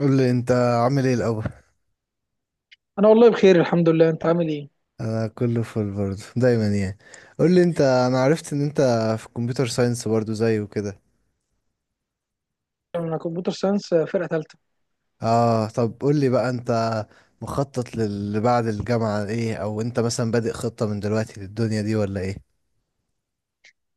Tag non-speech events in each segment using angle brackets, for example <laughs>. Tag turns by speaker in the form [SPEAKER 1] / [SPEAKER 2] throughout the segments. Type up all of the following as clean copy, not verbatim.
[SPEAKER 1] قول لي انت عامل ايه الاول.
[SPEAKER 2] انا والله بخير، الحمد لله. انت عامل ايه؟
[SPEAKER 1] انا كله فل برضه دايما يعني. قول لي انت، انا عرفت ان انت في كمبيوتر ساينس برضه زي وكده.
[SPEAKER 2] انا كمبيوتر ساينس، فرقه ثالثه.
[SPEAKER 1] اه طب قول لي بقى انت مخطط للي بعد الجامعة ايه، او انت مثلا بادئ خطة من دلوقتي للدنيا دي ولا ايه؟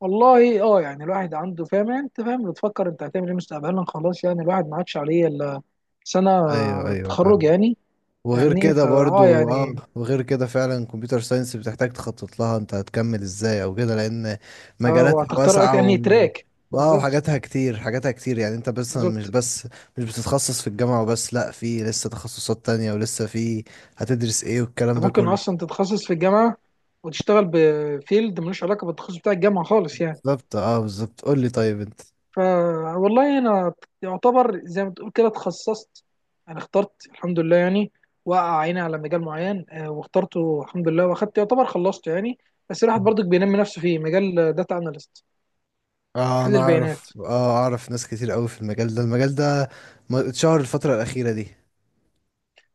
[SPEAKER 2] والله، يعني الواحد عنده فاهم، يعني انت فاهم بتفكر انت هتعمل ايه مستقبلا. خلاص يعني الواحد ما عادش عليه الا سنه
[SPEAKER 1] ايوه ايوه،
[SPEAKER 2] التخرج
[SPEAKER 1] فاهم.
[SPEAKER 2] يعني.
[SPEAKER 1] وغير
[SPEAKER 2] فاهمني.
[SPEAKER 1] كده
[SPEAKER 2] فا اه
[SPEAKER 1] برضو،
[SPEAKER 2] يعني
[SPEAKER 1] وغير كده فعلا كمبيوتر ساينس بتحتاج تخطط لها انت هتكمل ازاي او كده، لان
[SPEAKER 2] اه
[SPEAKER 1] مجالاتها
[SPEAKER 2] وهتختار
[SPEAKER 1] واسعة و...
[SPEAKER 2] يعني تراك.
[SPEAKER 1] اه
[SPEAKER 2] بالظبط.
[SPEAKER 1] وحاجاتها كتير، حاجاتها كتير، يعني انت بس، مش
[SPEAKER 2] بالظبط،
[SPEAKER 1] بس مش بتتخصص في الجامعة وبس، لا في لسه تخصصات تانية ولسه في هتدرس ايه والكلام
[SPEAKER 2] انت
[SPEAKER 1] ده
[SPEAKER 2] ممكن
[SPEAKER 1] كله.
[SPEAKER 2] اصلا تتخصص في الجامعه وتشتغل بفيلد ملوش علاقه بالتخصص بتاع الجامعه خالص يعني.
[SPEAKER 1] بالظبط، بالظبط. قول لي طيب انت،
[SPEAKER 2] فوالله انا يعتبر زي ما تقول كده اتخصصت. انا اخترت، الحمد لله. يعني وقع عيني على مجال معين، واخترته الحمد لله، واخدت يعتبر خلصته يعني. بس الواحد برضك بينمي نفسه فيه. مجال داتا اناليست،
[SPEAKER 1] اه
[SPEAKER 2] حل
[SPEAKER 1] انا
[SPEAKER 2] البيانات.
[SPEAKER 1] اعرف، اعرف ناس كتير قوي في المجال ده، المجال ده اتشهر الفترة الأخيرة دي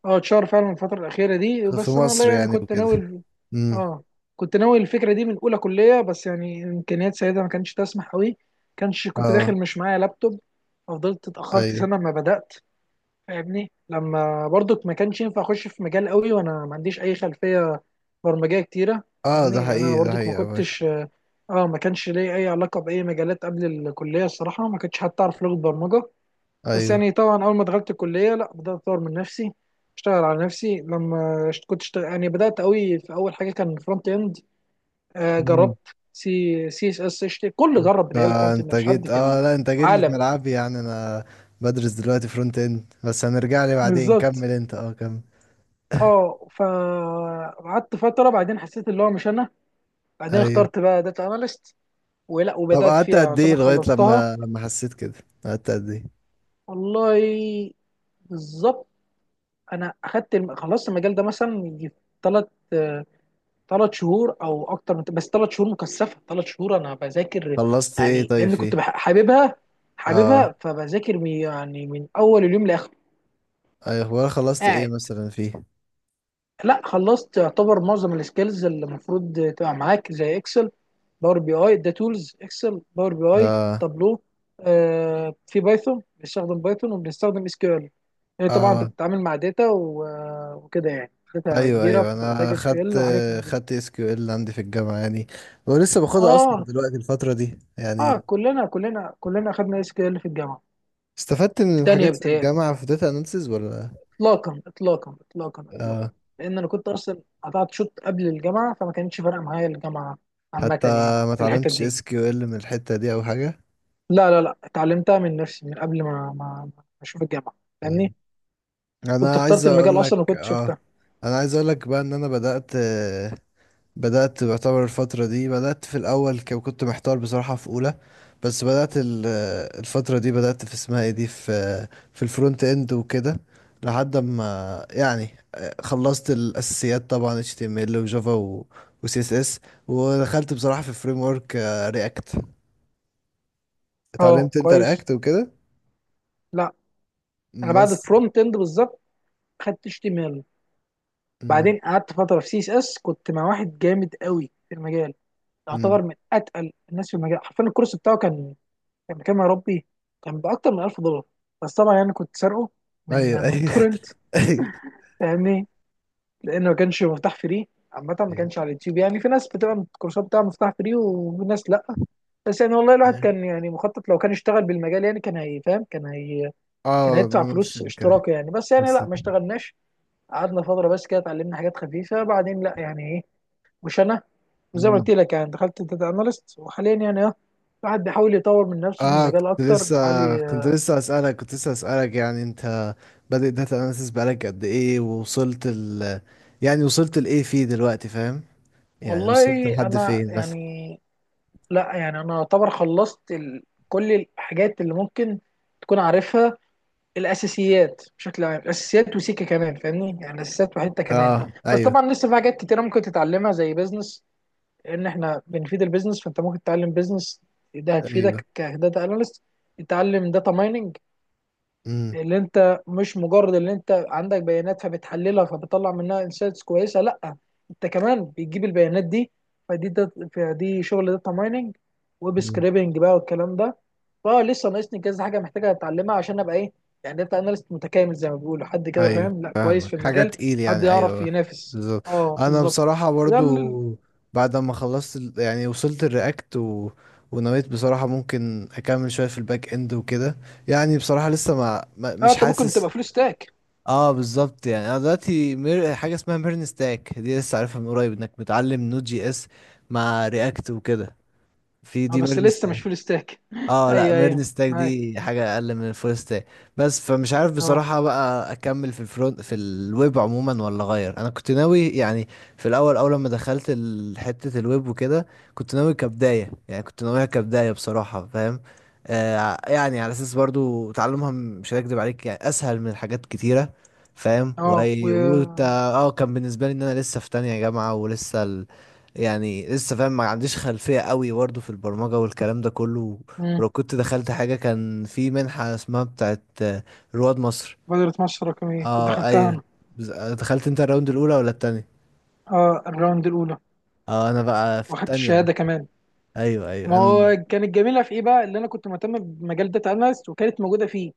[SPEAKER 2] اه، اتشهر فعلا الفترة الأخيرة دي.
[SPEAKER 1] في
[SPEAKER 2] بس أنا والله
[SPEAKER 1] مصر
[SPEAKER 2] يعني
[SPEAKER 1] يعني
[SPEAKER 2] كنت
[SPEAKER 1] وكده.
[SPEAKER 2] ناوي.
[SPEAKER 1] امم
[SPEAKER 2] اه، كنت ناوي الفكرة دي من أولى كلية، بس يعني إمكانيات سيدة ما كانتش تسمح أوي. كنت داخل،
[SPEAKER 1] اه.
[SPEAKER 2] مش معايا لابتوب. ففضلت اتأخرت
[SPEAKER 1] ايوه.
[SPEAKER 2] سنة ما بدأت. فاهمني، لما برضك ما كانش ينفع اخش في مجال قوي وانا ما عنديش اي خلفيه برمجيه كتيره.
[SPEAKER 1] اه، ده
[SPEAKER 2] فاهمني، لان انا
[SPEAKER 1] حقيقي، ده
[SPEAKER 2] برضك ما
[SPEAKER 1] حقيقي أوي.
[SPEAKER 2] كنتش اه ما كانش ليا اي علاقه باي مجالات قبل الكليه الصراحه. ما كنتش حتى اعرف لغه برمجه. بس
[SPEAKER 1] ايوه.
[SPEAKER 2] يعني طبعا اول ما دخلت الكليه لا، بدات اطور من نفسي، اشتغل على نفسي. لما كنت اشتغل، يعني بدات قوي. في اول حاجه كان فرونت اند.
[SPEAKER 1] مم.
[SPEAKER 2] جربت سي سي اس اس اتش تي كل، جرب بتاعي الفرونت اند،
[SPEAKER 1] فانت
[SPEAKER 2] مش حد
[SPEAKER 1] جيت،
[SPEAKER 2] في
[SPEAKER 1] لا انت جيت لي في
[SPEAKER 2] العالم.
[SPEAKER 1] ملعبي، يعني انا بدرس دلوقتي فرونت اند، بس هنرجع لي بعدين،
[SPEAKER 2] بالظبط.
[SPEAKER 1] كمل انت، كمل.
[SPEAKER 2] اه فقعدت فتره، بعدين حسيت اللي هو مش انا. بعدين
[SPEAKER 1] ايوه.
[SPEAKER 2] اخترت بقى داتا اناليست. ولا
[SPEAKER 1] طب
[SPEAKER 2] وبدات
[SPEAKER 1] قعدت
[SPEAKER 2] فيها
[SPEAKER 1] قد ايه
[SPEAKER 2] يعتبر
[SPEAKER 1] لغاية
[SPEAKER 2] خلصتها.
[SPEAKER 1] لما حسيت كده، قعدت قد ايه؟
[SPEAKER 2] والله، بالظبط. انا اخدت خلصت المجال ده مثلا يجي ثلاث ثلاث شهور او اكتر، بس ثلاث شهور مكثفه، ثلاث شهور انا بذاكر،
[SPEAKER 1] خلصت ايه
[SPEAKER 2] يعني
[SPEAKER 1] طيب،
[SPEAKER 2] لان كنت
[SPEAKER 1] فيه
[SPEAKER 2] حاببها.
[SPEAKER 1] اه
[SPEAKER 2] حاببها، فبذاكر يعني من اول اليوم لاخره.
[SPEAKER 1] ايوه اخبار خلصت ايه
[SPEAKER 2] قاعد.
[SPEAKER 1] مثلا فيه
[SPEAKER 2] لا، خلصت يعتبر معظم السكيلز اللي المفروض تبقى معاك، زي اكسل، باور بي اي. ده تولز، اكسل، باور بي اي،
[SPEAKER 1] اه
[SPEAKER 2] تابلو. في بايثون، بنستخدم بايثون، وبنستخدم SQL. طبعا انت
[SPEAKER 1] اه
[SPEAKER 2] بتتعامل مع داتا وكده، يعني داتا
[SPEAKER 1] ايوه،
[SPEAKER 2] كبيره،
[SPEAKER 1] ايوه.
[SPEAKER 2] فانت محتاج
[SPEAKER 1] انا
[SPEAKER 2] اس كيو
[SPEAKER 1] خدت
[SPEAKER 2] ال وحاجات من دي.
[SPEAKER 1] خدت اس كيو ال عندي في الجامعة يعني، ولسه باخدها اصلا
[SPEAKER 2] اه،
[SPEAKER 1] دلوقتي الفترة دي
[SPEAKER 2] اه.
[SPEAKER 1] يعني.
[SPEAKER 2] كلنا كلنا كلنا اخدنا SQL في الجامعه.
[SPEAKER 1] استفدت من
[SPEAKER 2] في تانية،
[SPEAKER 1] الحاجات في
[SPEAKER 2] بتهيألي.
[SPEAKER 1] الجامعة في داتا اناليسز ولا؟
[SPEAKER 2] اطلاقا اطلاقا اطلاقا اطلاقا.
[SPEAKER 1] آه.
[SPEAKER 2] لان انا كنت اصلا قطعت شوط قبل الجامعه، فما كانتش فارقه معايا الجامعه عامه
[SPEAKER 1] حتى
[SPEAKER 2] يعني
[SPEAKER 1] ما
[SPEAKER 2] في الحتت
[SPEAKER 1] اتعلمتش
[SPEAKER 2] دي.
[SPEAKER 1] اس كيو ال من الحتة دي او حاجة؟
[SPEAKER 2] لا لا لا، اتعلمتها من نفسي من قبل ما اشوف الجامعه.
[SPEAKER 1] مم.
[SPEAKER 2] فاهمني، كنت
[SPEAKER 1] انا عايز
[SPEAKER 2] اخترت
[SPEAKER 1] اقول
[SPEAKER 2] المجال اصلا
[SPEAKER 1] لك،
[SPEAKER 2] وكنت شفتها.
[SPEAKER 1] انا عايز اقول لك بقى ان انا بدأت، بدأت بعتبر الفترة دي، بدأت في الأول كنت محتار بصراحة في أولى، بس بدأت الفترة دي بدأت في اسمها ايه دي، في في الفرونت اند وكده، لحد ما يعني خلصت الأساسيات طبعا HTML وجافا و و CSS، ودخلت بصراحة في فريم ورك رياكت.
[SPEAKER 2] اه،
[SPEAKER 1] اتعلمت انت
[SPEAKER 2] كويس.
[SPEAKER 1] رياكت وكده؟
[SPEAKER 2] لا. انا بعد
[SPEAKER 1] بس.
[SPEAKER 2] الفرونت اند بالظبط خدت HTML،
[SPEAKER 1] مم.
[SPEAKER 2] بعدين قعدت فتره في سي اس اس. كنت مع واحد جامد قوي في المجال،
[SPEAKER 1] مم.
[SPEAKER 2] يعتبر من اتقل الناس في المجال حرفيا. الكورس بتاعه كان، كان بكام يا ربي، كان باكتر من $1000. بس طبعا يعني كنت سارقه من
[SPEAKER 1] ايوه
[SPEAKER 2] من
[SPEAKER 1] ايوه
[SPEAKER 2] تورنت.
[SPEAKER 1] <laughs> ايوه.
[SPEAKER 2] فاهمني، لانه ما كانش مفتاح فري عامة، ما كانش على اليوتيوب. يعني في ناس بتبقى الكورسات بتاعها مفتاح فري وناس لا. بس يعني والله الواحد
[SPEAKER 1] أيوه.
[SPEAKER 2] كان يعني مخطط، لو كان اشتغل بالمجال يعني كان هي فاهم كان هي كان
[SPEAKER 1] اه،
[SPEAKER 2] هيدفع
[SPEAKER 1] نفس
[SPEAKER 2] فلوس
[SPEAKER 1] الكلام،
[SPEAKER 2] اشتراك يعني. بس يعني
[SPEAKER 1] نفس
[SPEAKER 2] لا، ما اشتغلناش. قعدنا فتره بس كده، اتعلمنا حاجات خفيفه. بعدين لا يعني ايه، مش انا. وزي ما
[SPEAKER 1] الكلام.
[SPEAKER 2] قلت لك يعني دخلت داتا اناليست، وحاليا يعني الواحد بيحاول يطور من نفسه في
[SPEAKER 1] اه
[SPEAKER 2] المجال
[SPEAKER 1] كنت
[SPEAKER 2] اكتر،
[SPEAKER 1] لسه
[SPEAKER 2] بيحاول
[SPEAKER 1] كنت لسه اسالك يعني انت بادئ داتا اناليسيس بقالك قد ايه، ووصلت ال... يعني وصلت لايه فيه دلوقتي، فاهم؟ يعني وصلت
[SPEAKER 2] والله
[SPEAKER 1] لحد
[SPEAKER 2] انا
[SPEAKER 1] فين مثلا؟
[SPEAKER 2] يعني. لا يعني انا اعتبر خلصت كل الحاجات اللي ممكن تكون عارفها، الاساسيات بشكل عام. الاساسيات وسيكه كمان، فاهمني يعني الاساسيات وحته كمان.
[SPEAKER 1] اه
[SPEAKER 2] بس
[SPEAKER 1] ايوه
[SPEAKER 2] طبعا لسه في حاجات كتيره ممكن تتعلمها، زي بيزنس. لان احنا بنفيد البيزنس، فانت ممكن تتعلم بيزنس، ده
[SPEAKER 1] ايوه.
[SPEAKER 2] هتفيدك كداتا اناليست. تتعلم داتا مايننج.
[SPEAKER 1] امم
[SPEAKER 2] اللي انت مش مجرد اللي انت عندك بيانات فبتحللها فبتطلع منها انسايتس كويسه، لا انت كمان بتجيب البيانات دي. فدي شغل داتا مايننج، ويب
[SPEAKER 1] أمم.
[SPEAKER 2] سكريبنج بقى والكلام ده. فاه لسه ناقصني كذا حاجه محتاجه اتعلمها عشان ابقى ايه، يعني داتا اناليست متكامل زي ما بيقولوا. حد كده
[SPEAKER 1] ايوه،
[SPEAKER 2] فاهم، لا، كويس
[SPEAKER 1] فاهمك،
[SPEAKER 2] في
[SPEAKER 1] حاجه
[SPEAKER 2] المجال،
[SPEAKER 1] تقيل
[SPEAKER 2] حد
[SPEAKER 1] يعني.
[SPEAKER 2] يعرف
[SPEAKER 1] ايوه
[SPEAKER 2] ينافس.
[SPEAKER 1] بالظبط.
[SPEAKER 2] اه،
[SPEAKER 1] انا
[SPEAKER 2] بالظبط.
[SPEAKER 1] بصراحه
[SPEAKER 2] وده
[SPEAKER 1] برضو بعد ما خلصت يعني وصلت الرياكت و... ونويت بصراحه ممكن اكمل شويه في الباك اند وكده. يعني بصراحه لسه
[SPEAKER 2] اه،
[SPEAKER 1] مش
[SPEAKER 2] انت ممكن
[SPEAKER 1] حاسس.
[SPEAKER 2] تبقى فول ستاك.
[SPEAKER 1] اه بالظبط. يعني انا دلوقتي حاجه اسمها ميرن ستاك دي لسه عارفها من قريب، انك بتعلم نود جي اس مع رياكت وكده، في
[SPEAKER 2] اه،
[SPEAKER 1] دي
[SPEAKER 2] بس
[SPEAKER 1] ميرن
[SPEAKER 2] لسه مش
[SPEAKER 1] ستاك.
[SPEAKER 2] فول ستاك <laughs>
[SPEAKER 1] اه لا،
[SPEAKER 2] ايوه
[SPEAKER 1] ميرن
[SPEAKER 2] ايوه،
[SPEAKER 1] ستاك
[SPEAKER 2] معاك.
[SPEAKER 1] دي حاجة اقل من الفول ستاك بس. فمش عارف
[SPEAKER 2] اه
[SPEAKER 1] بصراحة بقى اكمل في الفرونت، في الويب عموما، ولا اغير. انا كنت ناوي يعني في الاول، اول لما دخلت حتة الويب وكده، كنت ناوي كبداية، يعني كنت ناويها كبداية بصراحة، فاهم؟ آه، يعني على اساس برضو تعلمها مش هكدب عليك يعني، اسهل من حاجات كتيرة، فاهم؟
[SPEAKER 2] اه.
[SPEAKER 1] وأي- وت... اه كان بالنسبة لي ان انا لسه في تانية جامعة، ولسه ال... يعني لسه، فاهم، ما عنديش خلفية قوي برضه في البرمجة والكلام ده كله.
[SPEAKER 2] مم.
[SPEAKER 1] ولو كنت دخلت حاجة، كان في منحة اسمها بتاعت رواد مصر.
[SPEAKER 2] مبادرة مصر الرقمية كنت
[SPEAKER 1] اه
[SPEAKER 2] دخلتها
[SPEAKER 1] ايوه.
[SPEAKER 2] انا.
[SPEAKER 1] دخلت انت الراوند الاولى ولا التانية؟
[SPEAKER 2] اه، الراوند الاولى.
[SPEAKER 1] اه انا بقى في
[SPEAKER 2] واخدت
[SPEAKER 1] التانية بقى.
[SPEAKER 2] الشهادة كمان.
[SPEAKER 1] ايوه
[SPEAKER 2] ما
[SPEAKER 1] ايوه. انا
[SPEAKER 2] هو كانت جميلة في ايه بقى؟ اللي انا كنت مهتم بمجال داتا اناليست وكانت موجودة فيه،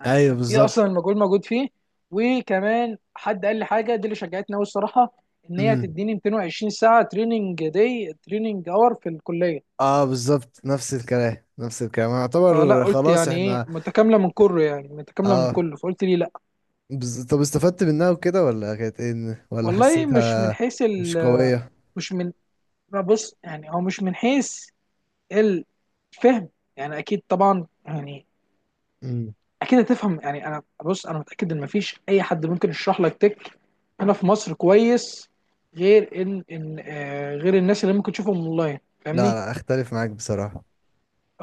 [SPEAKER 2] يعني
[SPEAKER 1] ايوه
[SPEAKER 2] كان في
[SPEAKER 1] بالظبط.
[SPEAKER 2] اصلا المجال موجود فيه. وكمان حد قال لي حاجة دي اللي شجعتني قوي الصراحة، ان هي
[SPEAKER 1] امم
[SPEAKER 2] تديني 220 ساعة تريننج داي، تريننج اور في الكلية.
[SPEAKER 1] اه بالظبط، نفس الكلام، نفس الكلام،
[SPEAKER 2] فلا
[SPEAKER 1] يعتبر
[SPEAKER 2] قلت
[SPEAKER 1] خلاص
[SPEAKER 2] يعني ايه،
[SPEAKER 1] احنا.
[SPEAKER 2] متكاملة من كله، يعني متكاملة من
[SPEAKER 1] اه
[SPEAKER 2] كله، فقلت ليه لا.
[SPEAKER 1] طب استفدت منها وكده ولا كانت ايه ولا
[SPEAKER 2] والله مش من
[SPEAKER 1] حسيتها
[SPEAKER 2] حيث
[SPEAKER 1] مش
[SPEAKER 2] ال
[SPEAKER 1] قوية؟
[SPEAKER 2] مش من لا، بص، يعني هو مش من حيث الفهم. يعني اكيد، طبعا يعني
[SPEAKER 1] امم.
[SPEAKER 2] اكيد هتفهم. يعني انا، بص، انا متاكد ان مفيش اي حد ممكن يشرح لك هنا في مصر كويس، غير ان ان آه، غير الناس اللي ممكن تشوفهم اونلاين.
[SPEAKER 1] لا
[SPEAKER 2] فاهمني،
[SPEAKER 1] لا، اختلف معاك بصراحة،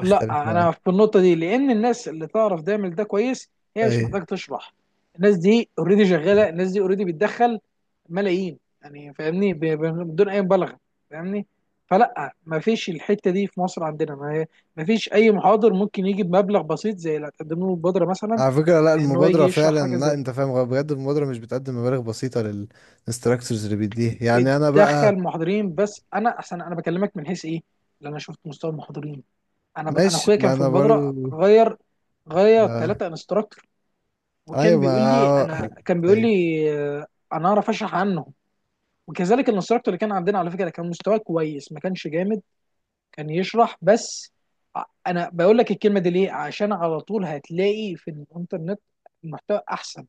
[SPEAKER 1] اختلف
[SPEAKER 2] انا
[SPEAKER 1] معاك.
[SPEAKER 2] في النقطه دي، لان الناس اللي تعرف تعمل ده كويس هي مش
[SPEAKER 1] ايوه.
[SPEAKER 2] محتاجه تشرح. الناس دي اوريدي شغاله، الناس دي اوريدي بتدخل ملايين يعني. فاهمني، بدون اي مبالغه. فاهمني، فلا ما فيش الحته دي في مصر عندنا. ما فيش اي محاضر ممكن يجي بمبلغ بسيط زي اللي هتقدم له البودره مثلا،
[SPEAKER 1] على فكرة لا،
[SPEAKER 2] ان هو يجي
[SPEAKER 1] المبادرة
[SPEAKER 2] يشرح حاجه
[SPEAKER 1] فعلا
[SPEAKER 2] زي
[SPEAKER 1] لا،
[SPEAKER 2] دي.
[SPEAKER 1] انت فاهم غلط. بجد المبادرة مش بتقدم مبالغ بسيطة للانستراكتورز اللي بيديها يعني. انا بقى
[SPEAKER 2] بتدخل محاضرين، بس انا احسن، انا بكلمك من حيث ايه اللي انا شفت مستوى المحاضرين. انا
[SPEAKER 1] ماشي،
[SPEAKER 2] اخويا كان
[SPEAKER 1] ما
[SPEAKER 2] في
[SPEAKER 1] انا
[SPEAKER 2] المبادره
[SPEAKER 1] برضو.
[SPEAKER 2] غير
[SPEAKER 1] آه.
[SPEAKER 2] ثلاثه انستراكتور، وكان
[SPEAKER 1] ايوه ما،
[SPEAKER 2] بيقول لي.
[SPEAKER 1] آه،
[SPEAKER 2] انا كان بيقول
[SPEAKER 1] ايوه.
[SPEAKER 2] لي آه، انا اعرف اشرح عنهم. وكذلك الانستراكتور اللي كان عندنا، على فكره، كان مستواه كويس. ما كانش جامد، كان يشرح بس. انا بقول لك الكلمه دي ليه، عشان على طول هتلاقي في الانترنت المحتوى احسن،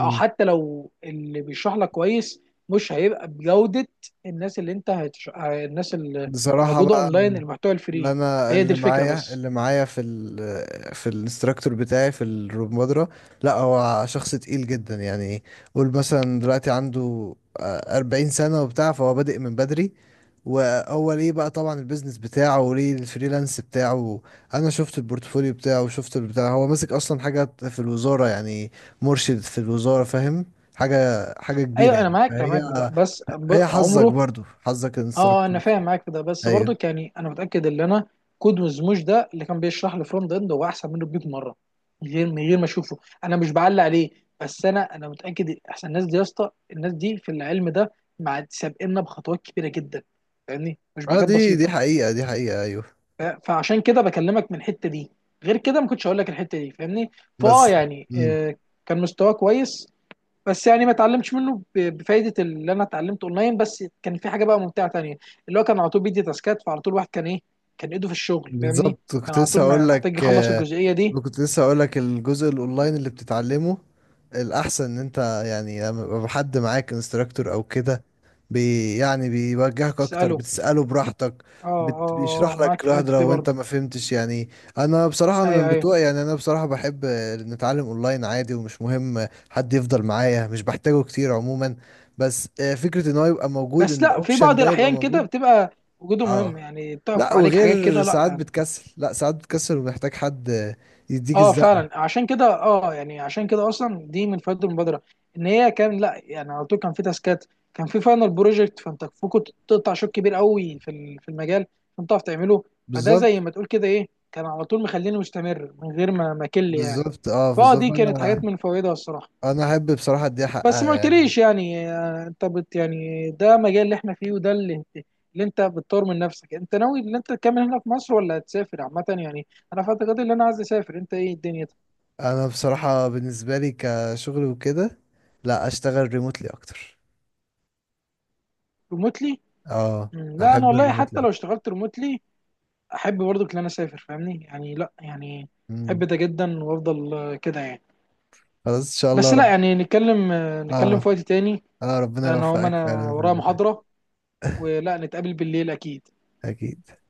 [SPEAKER 2] او حتى لو اللي بيشرح لك كويس مش هيبقى بجوده الناس اللي انت هتش... ه- الناس اللي
[SPEAKER 1] بصراحة
[SPEAKER 2] موجوده
[SPEAKER 1] بقى،
[SPEAKER 2] اونلاين، المحتوى
[SPEAKER 1] اللي
[SPEAKER 2] الفري.
[SPEAKER 1] انا،
[SPEAKER 2] هي دي
[SPEAKER 1] اللي
[SPEAKER 2] الفكره
[SPEAKER 1] معايا
[SPEAKER 2] بس.
[SPEAKER 1] اللي معايا في ال في الانستراكتور بتاعي في الروبمدرة، لا هو شخص تقيل جدا يعني. قول مثلا دلوقتي عنده آه، 40 سنة وبتاع، فهو بادئ من بدري، وهو ليه بقى طبعا البيزنس بتاعه وليه الفريلانس بتاعه. انا شفت البورتفوليو بتاعه، وشفت البتاع، هو ماسك اصلا حاجة في الوزارة يعني، مرشد في الوزارة، فاهم؟ حاجة، حاجة كبيرة
[SPEAKER 2] ايوه، انا
[SPEAKER 1] يعني،
[SPEAKER 2] معاك انا
[SPEAKER 1] فهي،
[SPEAKER 2] معاك بده. بس
[SPEAKER 1] هي حظك
[SPEAKER 2] عمره.
[SPEAKER 1] برضو، حظك
[SPEAKER 2] اه، انا
[SPEAKER 1] الانستراكتور.
[SPEAKER 2] فاهم معاك في ده، بس برضك
[SPEAKER 1] ايوه.
[SPEAKER 2] يعني انا متاكد ان انا كود وزموش ده، اللي كان بيشرح لي فرونت اند، هو احسن منه ب 100 مره، من غير ما اشوفه. انا مش بعلق عليه، بس انا متاكد. احسن الناس دي يا اسطى، الناس دي في العلم ده مع سابقنا بخطوات كبيره جدا. فاهمني، مش
[SPEAKER 1] اه
[SPEAKER 2] بحاجات
[SPEAKER 1] دي دي،
[SPEAKER 2] بسيطه.
[SPEAKER 1] حقيقة، دي حقيقة ايوه.
[SPEAKER 2] فعشان كده بكلمك من الحته دي، غير كده ما كنتش هقول لك الحته دي، فاهمني. فاه
[SPEAKER 1] بس
[SPEAKER 2] يعني،
[SPEAKER 1] مم.
[SPEAKER 2] كان مستواه كويس. بس يعني ما اتعلمتش منه بفايده اللي انا اتعلمته اونلاين، بس كان في حاجه بقى ممتعه تانية، اللي هو كان على طول بيدي تاسكات. فعلى طول الواحد كان ايه، كان ايده في الشغل فاهمني.
[SPEAKER 1] بالظبط،
[SPEAKER 2] كان
[SPEAKER 1] كنت
[SPEAKER 2] على
[SPEAKER 1] لسه
[SPEAKER 2] طول
[SPEAKER 1] هقول لك
[SPEAKER 2] محتاج يخلص
[SPEAKER 1] آه،
[SPEAKER 2] الجزئيه دي.
[SPEAKER 1] كنت لسه هقول لك، الجزء الاونلاين اللي بتتعلمه، الاحسن ان انت يعني لما يبقى حد معاك انستراكتور او كده، يعني بيوجهك اكتر،
[SPEAKER 2] تساله.
[SPEAKER 1] بتساله براحتك،
[SPEAKER 2] اه اه. آه،
[SPEAKER 1] بيشرح
[SPEAKER 2] معاك
[SPEAKER 1] لك
[SPEAKER 2] في
[SPEAKER 1] لوحده
[SPEAKER 2] الحته دي
[SPEAKER 1] لو انت
[SPEAKER 2] برضه.
[SPEAKER 1] ما فهمتش يعني. انا بصراحه انا من
[SPEAKER 2] ايوه ايوه.
[SPEAKER 1] بتوع، يعني انا بصراحه بحب آه، نتعلم اونلاين عادي، ومش مهم حد يفضل معايا، مش بحتاجه كتير عموما. بس آه، فكره ان هو يبقى موجود،
[SPEAKER 2] بس
[SPEAKER 1] ان
[SPEAKER 2] لا، في
[SPEAKER 1] الاوبشن
[SPEAKER 2] بعض
[SPEAKER 1] ده يبقى
[SPEAKER 2] الاحيان كده
[SPEAKER 1] موجود.
[SPEAKER 2] بتبقى وجوده مهم
[SPEAKER 1] اه
[SPEAKER 2] يعني، بتقف
[SPEAKER 1] لا،
[SPEAKER 2] عليك حاجات
[SPEAKER 1] وغير
[SPEAKER 2] كده
[SPEAKER 1] ساعات
[SPEAKER 2] لا.
[SPEAKER 1] بتكسل، لا ساعات بتكسل ومحتاج حد يديك
[SPEAKER 2] اه،
[SPEAKER 1] الزقة.
[SPEAKER 2] فعلا. عشان كده اصلا دي من فوائد المبادره، ان هي كان لا يعني على طول كان في تاسكات، كان في فاينل بروجكت. فانت كنت تقطع شوط كبير قوي في المجال، فانت تعرف تعمله. فده زي
[SPEAKER 1] بالظبط.
[SPEAKER 2] ما تقول كده ايه، كان على طول مخليني مستمر من غير ما كل يعني.
[SPEAKER 1] بالظبط،
[SPEAKER 2] فاه
[SPEAKER 1] بالظبط.
[SPEAKER 2] دي كانت حاجات من فوائدها الصراحه.
[SPEAKER 1] انا احب بصراحة اديها
[SPEAKER 2] بس
[SPEAKER 1] حقها
[SPEAKER 2] ما
[SPEAKER 1] يعني.
[SPEAKER 2] قلتليش يعني، انت يعني ده مجال اللي احنا فيه، وده اللي انت بتطور من نفسك. انت ناوي ان انت تكمل هنا في مصر ولا هتسافر عامه يعني؟ انا في اعتقادي ان انا عايز اسافر. انت ايه الدنيا؟
[SPEAKER 1] انا بصراحة بالنسبة لي كشغل وكده، لا، اشتغل ريموتلي اكتر.
[SPEAKER 2] ريموتلي؟
[SPEAKER 1] اه،
[SPEAKER 2] لا انا
[SPEAKER 1] احب
[SPEAKER 2] والله
[SPEAKER 1] الريموتلي
[SPEAKER 2] حتى لو
[SPEAKER 1] اكتر.
[SPEAKER 2] اشتغلت ريموتلي احب برضو ان انا اسافر، فاهمني يعني، لا يعني احب
[SPEAKER 1] مم.
[SPEAKER 2] ده جدا. وافضل كده يعني.
[SPEAKER 1] خلاص ان شاء الله
[SPEAKER 2] بس لا
[SPEAKER 1] رب.
[SPEAKER 2] يعني، نتكلم
[SPEAKER 1] اه
[SPEAKER 2] في وقت تاني.
[SPEAKER 1] اه، ربنا يوفقك
[SPEAKER 2] انا
[SPEAKER 1] فعلا في
[SPEAKER 2] ورايا
[SPEAKER 1] الموضوع ده.
[SPEAKER 2] محاضرة، ولا نتقابل بالليل؟ اكيد.
[SPEAKER 1] اكيد.